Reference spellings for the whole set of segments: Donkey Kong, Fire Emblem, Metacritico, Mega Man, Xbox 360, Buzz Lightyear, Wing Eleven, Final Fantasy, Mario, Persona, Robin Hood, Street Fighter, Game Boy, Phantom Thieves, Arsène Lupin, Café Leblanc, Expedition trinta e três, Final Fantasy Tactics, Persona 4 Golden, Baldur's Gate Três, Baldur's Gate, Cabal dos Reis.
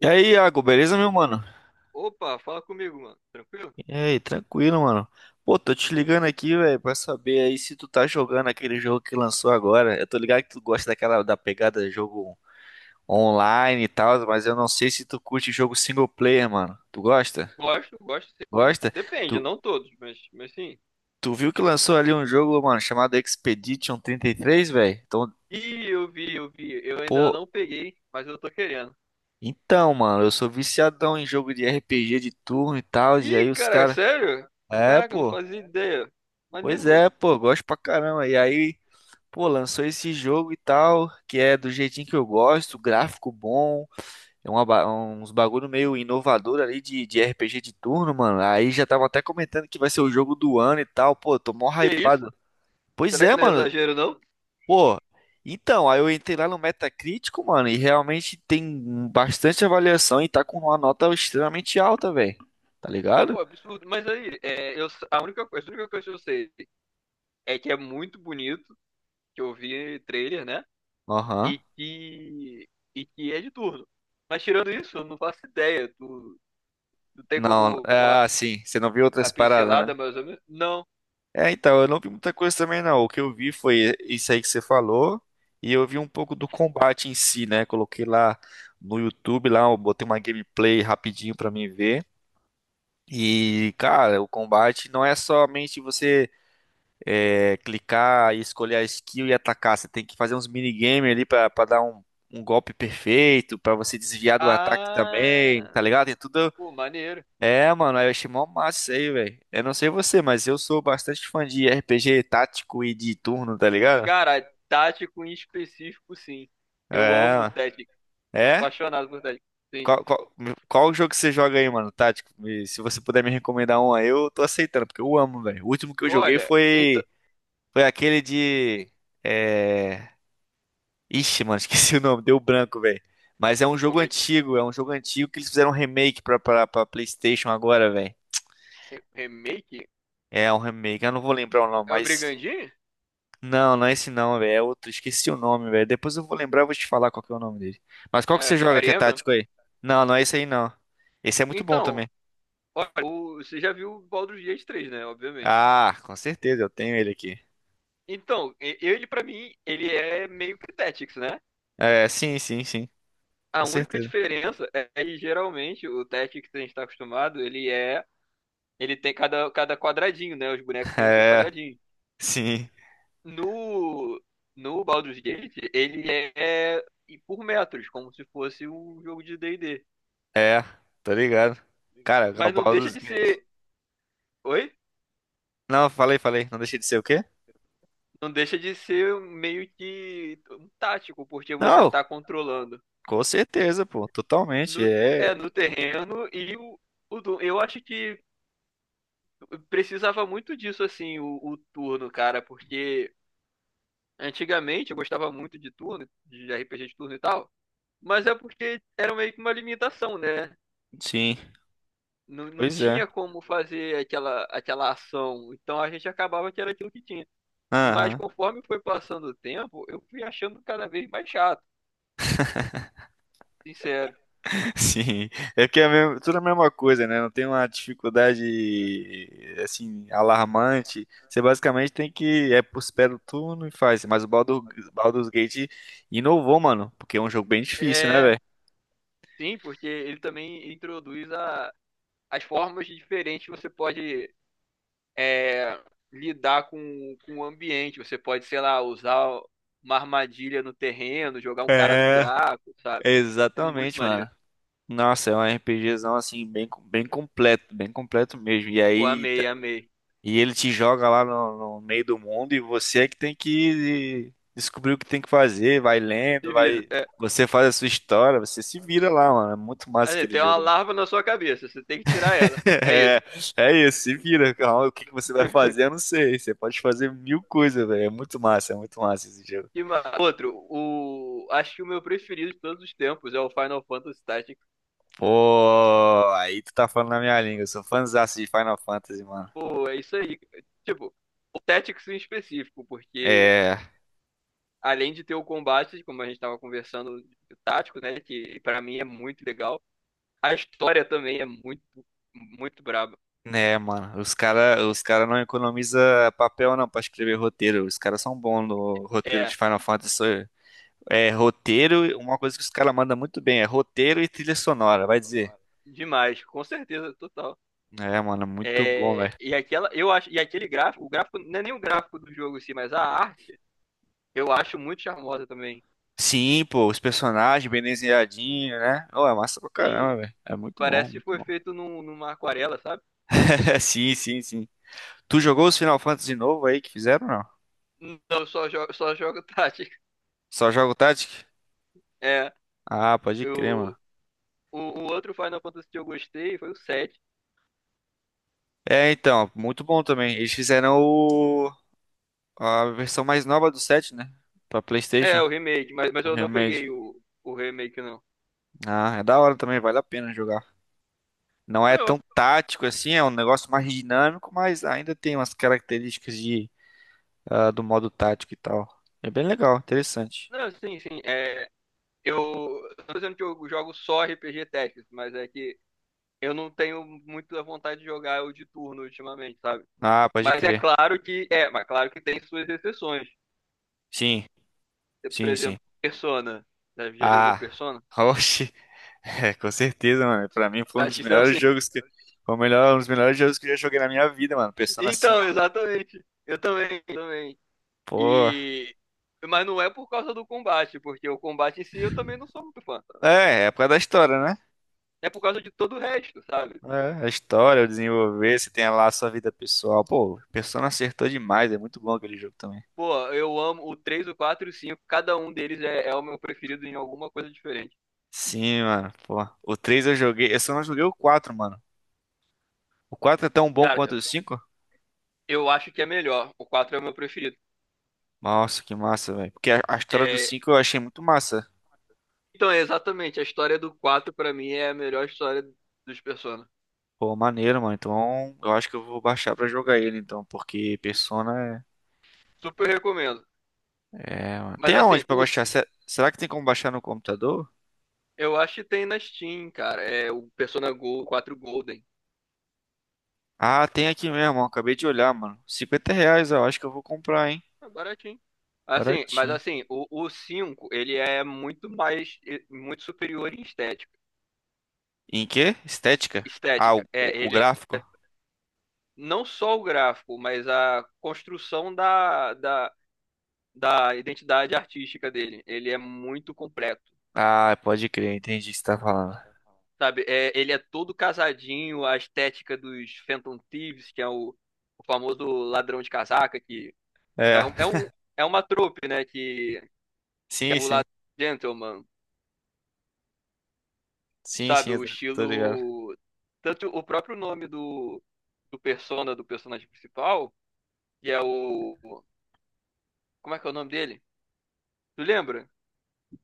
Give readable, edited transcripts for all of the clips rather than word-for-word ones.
E aí, Iago, beleza, meu mano? Opa, fala comigo, mano. Tranquilo? E aí, tranquilo, mano. Pô, tô te ligando aqui, velho, pra saber aí se tu tá jogando aquele jogo que lançou agora. Eu tô ligado que tu gosta daquela da pegada de jogo online e tal, mas eu não sei se tu curte jogo single player, mano. Tu gosta? Gosto, gosto sim. Gosta? Depende, Tu, não todos, mas sim. tu viu que lançou ali um jogo, mano, chamado Expedition 33, velho? Então, Ih, eu vi, eu vi. Eu ainda pô, não peguei, mas eu tô querendo. então, mano, eu sou viciadão em jogo de RPG de turno e tal, e Ih, aí os cara, caras. sério? É, Caraca, eu não pô. fazia ideia. Maneiro, Pois mano. é, pô, gosto pra caramba. E aí. Pô, lançou esse jogo e tal, que é do jeitinho que eu gosto, gráfico bom, é uma uns bagulho meio inovador ali de RPG de turno, mano. Aí já tava até comentando que vai ser o jogo do ano e tal, pô, tô mó Que isso? hypado. Pois Será é, que não é mano, exagero, não? pô. Então, aí eu entrei lá no Metacritico, mano, e realmente tem bastante avaliação e tá com uma nota extremamente alta, velho. Tá ligado? Pô, absurdo. Mas aí, a única coisa que eu sei é que é muito bonito, que eu vi trailer, né? Aham. E que, e que é de turno. Mas tirando isso, eu não faço ideia. Tu tem Não, como. é assim, você não viu A outras paradas, pincelada, né? mais ou menos? Não. É, então, eu não vi muita coisa também, não. O que eu vi foi isso aí que você falou, e eu vi um pouco do combate em si, né? Coloquei lá no YouTube, lá, eu botei uma gameplay rapidinho pra mim ver. E, cara, o combate não é somente você é, clicar e escolher a skill e atacar. Você tem que fazer uns minigame ali pra dar um golpe perfeito, pra você desviar do ataque também, Ah, tá ligado? Tem tudo pô, maneiro. é, mano, eu achei mó massa isso aí, velho. Eu não sei você, mas eu sou bastante fã de RPG tático e de turno, tá ligado? Cara, tático em específico, sim. Eu É, amo mano. técnico. Sou É? apaixonado por técnico, sim. Qual, qual, qual jogo que você joga aí, mano, tático? Me- Se você puder me recomendar um aí, eu tô aceitando, porque eu amo, velho. O último que eu joguei Olha, então. foi aquele de... É... Ixi, mano, esqueci o nome, deu branco, velho. Mas é um jogo Como é que. antigo, é um jogo antigo que eles fizeram um remake pra PlayStation agora, velho. É? Remake? É um remake, eu não vou lembrar o nome, É o mas... Brigandinho? Não, não é esse não, velho. É outro. Esqueci o nome, velho. Depois eu vou lembrar e vou te falar qual que é o nome dele. Mas qual que É, você joga que Fire é Emblem? tático aí? Não, não é esse aí não. Esse é muito bom Então, também. olha, você já viu o Baldur's Gate 3, né? Obviamente. Ah, com certeza, eu tenho ele aqui. Então, ele pra mim, ele é meio que Tactics, né? É, sim, sim, sim. A Com única certeza. diferença é que geralmente o Tactics que a gente tá acostumado, ele é. Ele tem cada quadradinho, né? Os bonecos têm os seus É, quadradinhos. sim. No, no Baldur's Gate, ele é e por metros, como se fosse um jogo de D&D. É, tô ligado. Ligado. Cara, Mas não Cabal deixa dos de Reis. ser. Oi? Não, falei, falei. Não deixei de ser o quê? Não deixa de ser meio que um tático, porque você Não, tá controlando com certeza, pô. Totalmente. no, É. no terreno e eu acho que precisava muito disso, assim, o turno, cara, porque antigamente eu gostava muito de turno, de RPG de turno e tal. Mas é porque era meio que uma limitação, né? Sim. Não, não Pois é. tinha como fazer aquela ação. Então a gente acabava que era aquilo que tinha. Mas Aham. conforme foi passando o tempo, eu fui achando cada vez mais chato, sincero. Sim, é porque é mesmo- tudo é a mesma coisa, né? Não tem uma dificuldade assim alarmante. Você basicamente tem que é por pé do turno e faz. Mas o Baldur's Gate inovou, mano, porque é um jogo bem difícil, né, É, velho? sim, porque ele também introduz as formas diferentes que você pode, é, lidar com o ambiente. Você pode, sei lá, usar uma armadilha no terreno, jogar um cara no É, buraco, sabe? É muito exatamente, mano. maneiro. Nossa, é um RPGzão assim bem bem completo mesmo. E Pô, aí. amei, amei. E ele te joga lá no meio do mundo e você é que tem que descobrir o que tem que fazer, vai lendo, Se vira. vai. É, Você faz a sua história, você se vira lá, mano. É muito massa assim, aquele tem uma jogo. larva na sua cabeça, você tem que tirar ela. É isso. É, é isso, se vira, calma. O que que você vai fazer? Eu não sei. Você pode fazer mil coisas, velho. É muito massa esse jogo. E outro, o... acho que o meu preferido de todos os tempos é o Final Fantasy Tactics. Pô, aí tu tá falando na minha língua. Eu sou fãzaço de Final Fantasy, mano. Pô, é isso aí. Tipo, o Tactics em específico, porque É. além de ter o combate, como a gente tava conversando, o tático, né, que pra mim é muito legal, a história também é muito, muito braba. É, mano, os cara não economiza papel não pra escrever roteiro. Os caras são bons no roteiro É, de Final Fantasy. É, roteiro, uma coisa que os caras mandam muito bem é roteiro e trilha sonora, vai dizer. demais, com certeza, total. É, mano, muito bom, É, velho. e aquela, eu acho, e aquele gráfico, o gráfico não é nem o gráfico do jogo em si, mas a arte, eu acho muito charmosa também. Sim, pô, os personagens bem desenhadinhos, né? Oh, é massa pra Sim, caramba, velho. É muito bom, parece que muito foi bom. feito numa aquarela, sabe? Sim, sim, sim. Tu jogou os Final Fantasy novo aí que fizeram, ou não? Não, só jogo tática. Só joga o Tactic? É, Ah, pode crer, eu, mano. o outro Final Fantasy que eu gostei foi o 7. É, então, muito bom também. Eles Bom também. fizeram o. A versão mais nova do 7, né? Pra É, PlayStation, o remake, mas o eu não remake. peguei o remake, não. Ah, é da hora também, vale a pena jogar. Não é Eu, tão tático assim, é um negócio mais dinâmico, mas ainda tem umas características de, ah, do modo tático e tal. É bem legal, interessante. não, sim, sim. É, eu tô dizendo que eu jogo só RPG Tactics, mas é que eu não tenho muito a vontade de jogar o de turno ultimamente, sabe? Ah, pode Mas é crer. claro que é, mas claro que tem suas exceções. Sim, Por sim, sim. exemplo, Persona. Já, já jogou Ah, Persona? oxe, é, com certeza, mano. Pra mim foi um dos Acho que melhores sim. jogos que. Foi o melhor, um dos melhores jogos que eu já joguei na minha vida, mano. Persona 5. Então, exatamente. Eu também, eu também. Pô. E mas não é por causa do combate, porque o combate em si eu também não sou muito fã. É, é por causa da história, né? É por causa de todo o resto, sabe? É, a história, o desenvolver, você tem lá a sua vida pessoal. Pô, o Persona acertou demais, é muito bom aquele jogo também. Pô, eu amo o 3, o 4 e o 5 cada um deles é, é o meu preferido em alguma coisa diferente. Sim, mano, pô. O 3 eu joguei, eu só não joguei o quatro, mano. O 4 é tão bom Cara, quanto eu o cinco. eu acho que é melhor. O 4 é o meu preferido. Nossa, que massa, velho. Porque a história do É. 5 eu achei muito massa. Então, é exatamente, a história do 4 pra mim é a melhor história dos Persona. Pô, maneiro, mano. Então, eu acho que eu vou baixar pra jogar ele, então, porque Persona Super recomendo. é... é, mano. Tem Mas assim, aonde pra baixar? Se- Será que tem como baixar no computador? eu acho que tem na Steam, cara. É o Persona Go 4 Golden. Ah, tem aqui mesmo, ó. Acabei de olhar, mano. R$ 50, eu acho que eu vou comprar, hein. É baratinho. Assim, mas Baratinho. assim, o 5, ele é muito mais, muito superior em estética. Em quê? Estética? Ah, Estética. É, o ele gráfico? é não só o gráfico, mas a construção da identidade artística dele. Ele é muito completo. Ah, pode crer, entendi o que você tá falando. Sabe, é, ele é todo casadinho, a estética dos Phantom Thieves, que é o famoso ladrão de casaca, que É, é, um, é, um, é uma trope, né? Que é sim, o sim. ladrão gentleman, Sim, sim, sabe? eu O tô ligado. estilo. Tanto o próprio nome do persona, do personagem principal, que é o. Como é que é o nome dele? Tu lembra?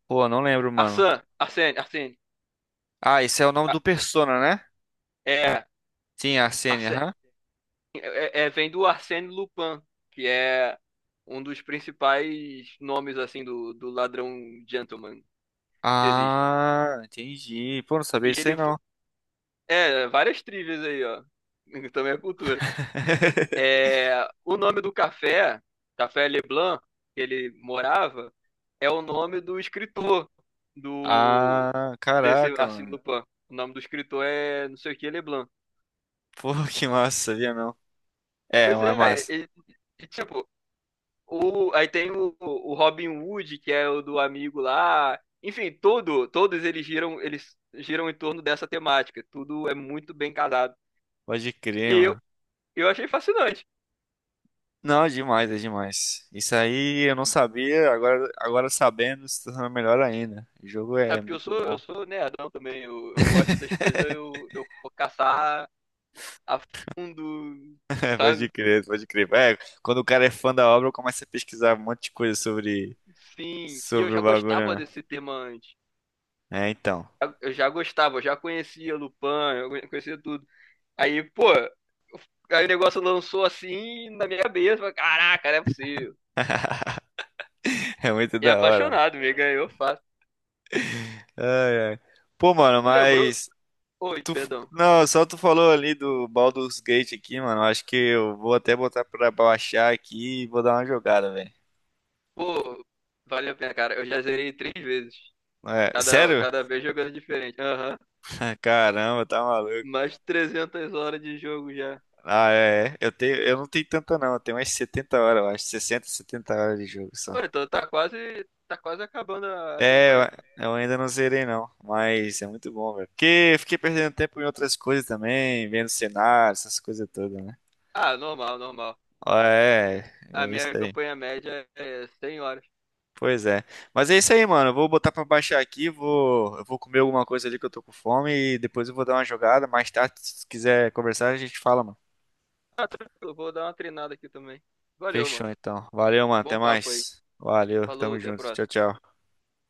Pô, não lembro, mano. Arsene, Arsene, Arsene. Ah, esse é o nome A-. do Persona, né? É. Sim, a Sene, aham. Vem do Arsène Lupin, que é um dos principais nomes assim do ladrão gentleman que existe. Ah, entendi. Pô, não E sabia disso aí ele foi, não. é, várias trivias aí, ó. Também é cultura. É, o nome do café, Café Leblanc, que ele morava, é o nome do escritor do Ah, desse caraca, Arsène mano. Lupin. O nome do escritor é não sei o que Leblanc. Pô, que massa, sabia não? É, Pois é é, massa. e tipo. O, aí tem o Robin Hood, que é o do amigo lá. Enfim, todos eles giram em torno dessa temática. Tudo é muito bem casado. Pode E crer, mano. eu achei fascinante. Não, é demais, é demais. Isso aí eu não sabia, agora, agora sabendo, se torna melhor ainda. O jogo Sabe, é porque muito bom. eu sou nerdão também. Eu gosto das coisas, eu vou caçar a fundo, Pode sabe? crer, pode crer. É, quando o cara é fã da obra, começa a pesquisar um monte de coisa sobre, Sim. E eu sobre já o bagulho, gostava né? desse tema antes. É, então. Eu já gostava, eu já conhecia Lupin, eu conhecia tudo. Aí, pô, aí o negócio lançou assim na minha cabeça. Falei, caraca, não é possível. É muito E da hora, mano. apaixonado, me ganhou fácil. Ai, ai. Pô, mano, Não lembrou? mas Oi, tu, perdão. não, só tu falou ali do Baldur's Gate aqui, mano. Acho que eu vou até botar pra baixar aqui e vou dar uma jogada, velho. Pô, valeu a pena, cara. Eu já zerei três vezes. É, Cada, sério? cada vez jogando diferente. Aham. Caramba, tá maluco. Mais 300 horas de jogo já. Ah, é. É. Eu tenho, eu não tenho tanta não, eu tenho umas 70 horas, eu acho, 60, 70 horas de jogo Pô, só. então tá quase acabando a É, eu campanha. eu ainda não zerei não, mas é muito bom, velho. Porque fiquei perdendo tempo em outras coisas também, vendo cenário, essas coisas todas, né? Ah, normal, normal. Ó, é, é A minha isso aí. campanha média é 100 horas. Pois é. Mas é isso aí, mano. Eu vou botar pra baixar aqui, eu vou comer alguma coisa ali que eu tô com fome e depois eu vou dar uma jogada. Mais tarde, se quiser conversar, a gente fala, mano. Ah, tranquilo, vou dar uma treinada aqui também. Valeu, Fechou mano. então. Valeu, mano. Até Bom papo aí. mais. Valeu, Falou, tamo até a junto. Tchau, próxima. tchau.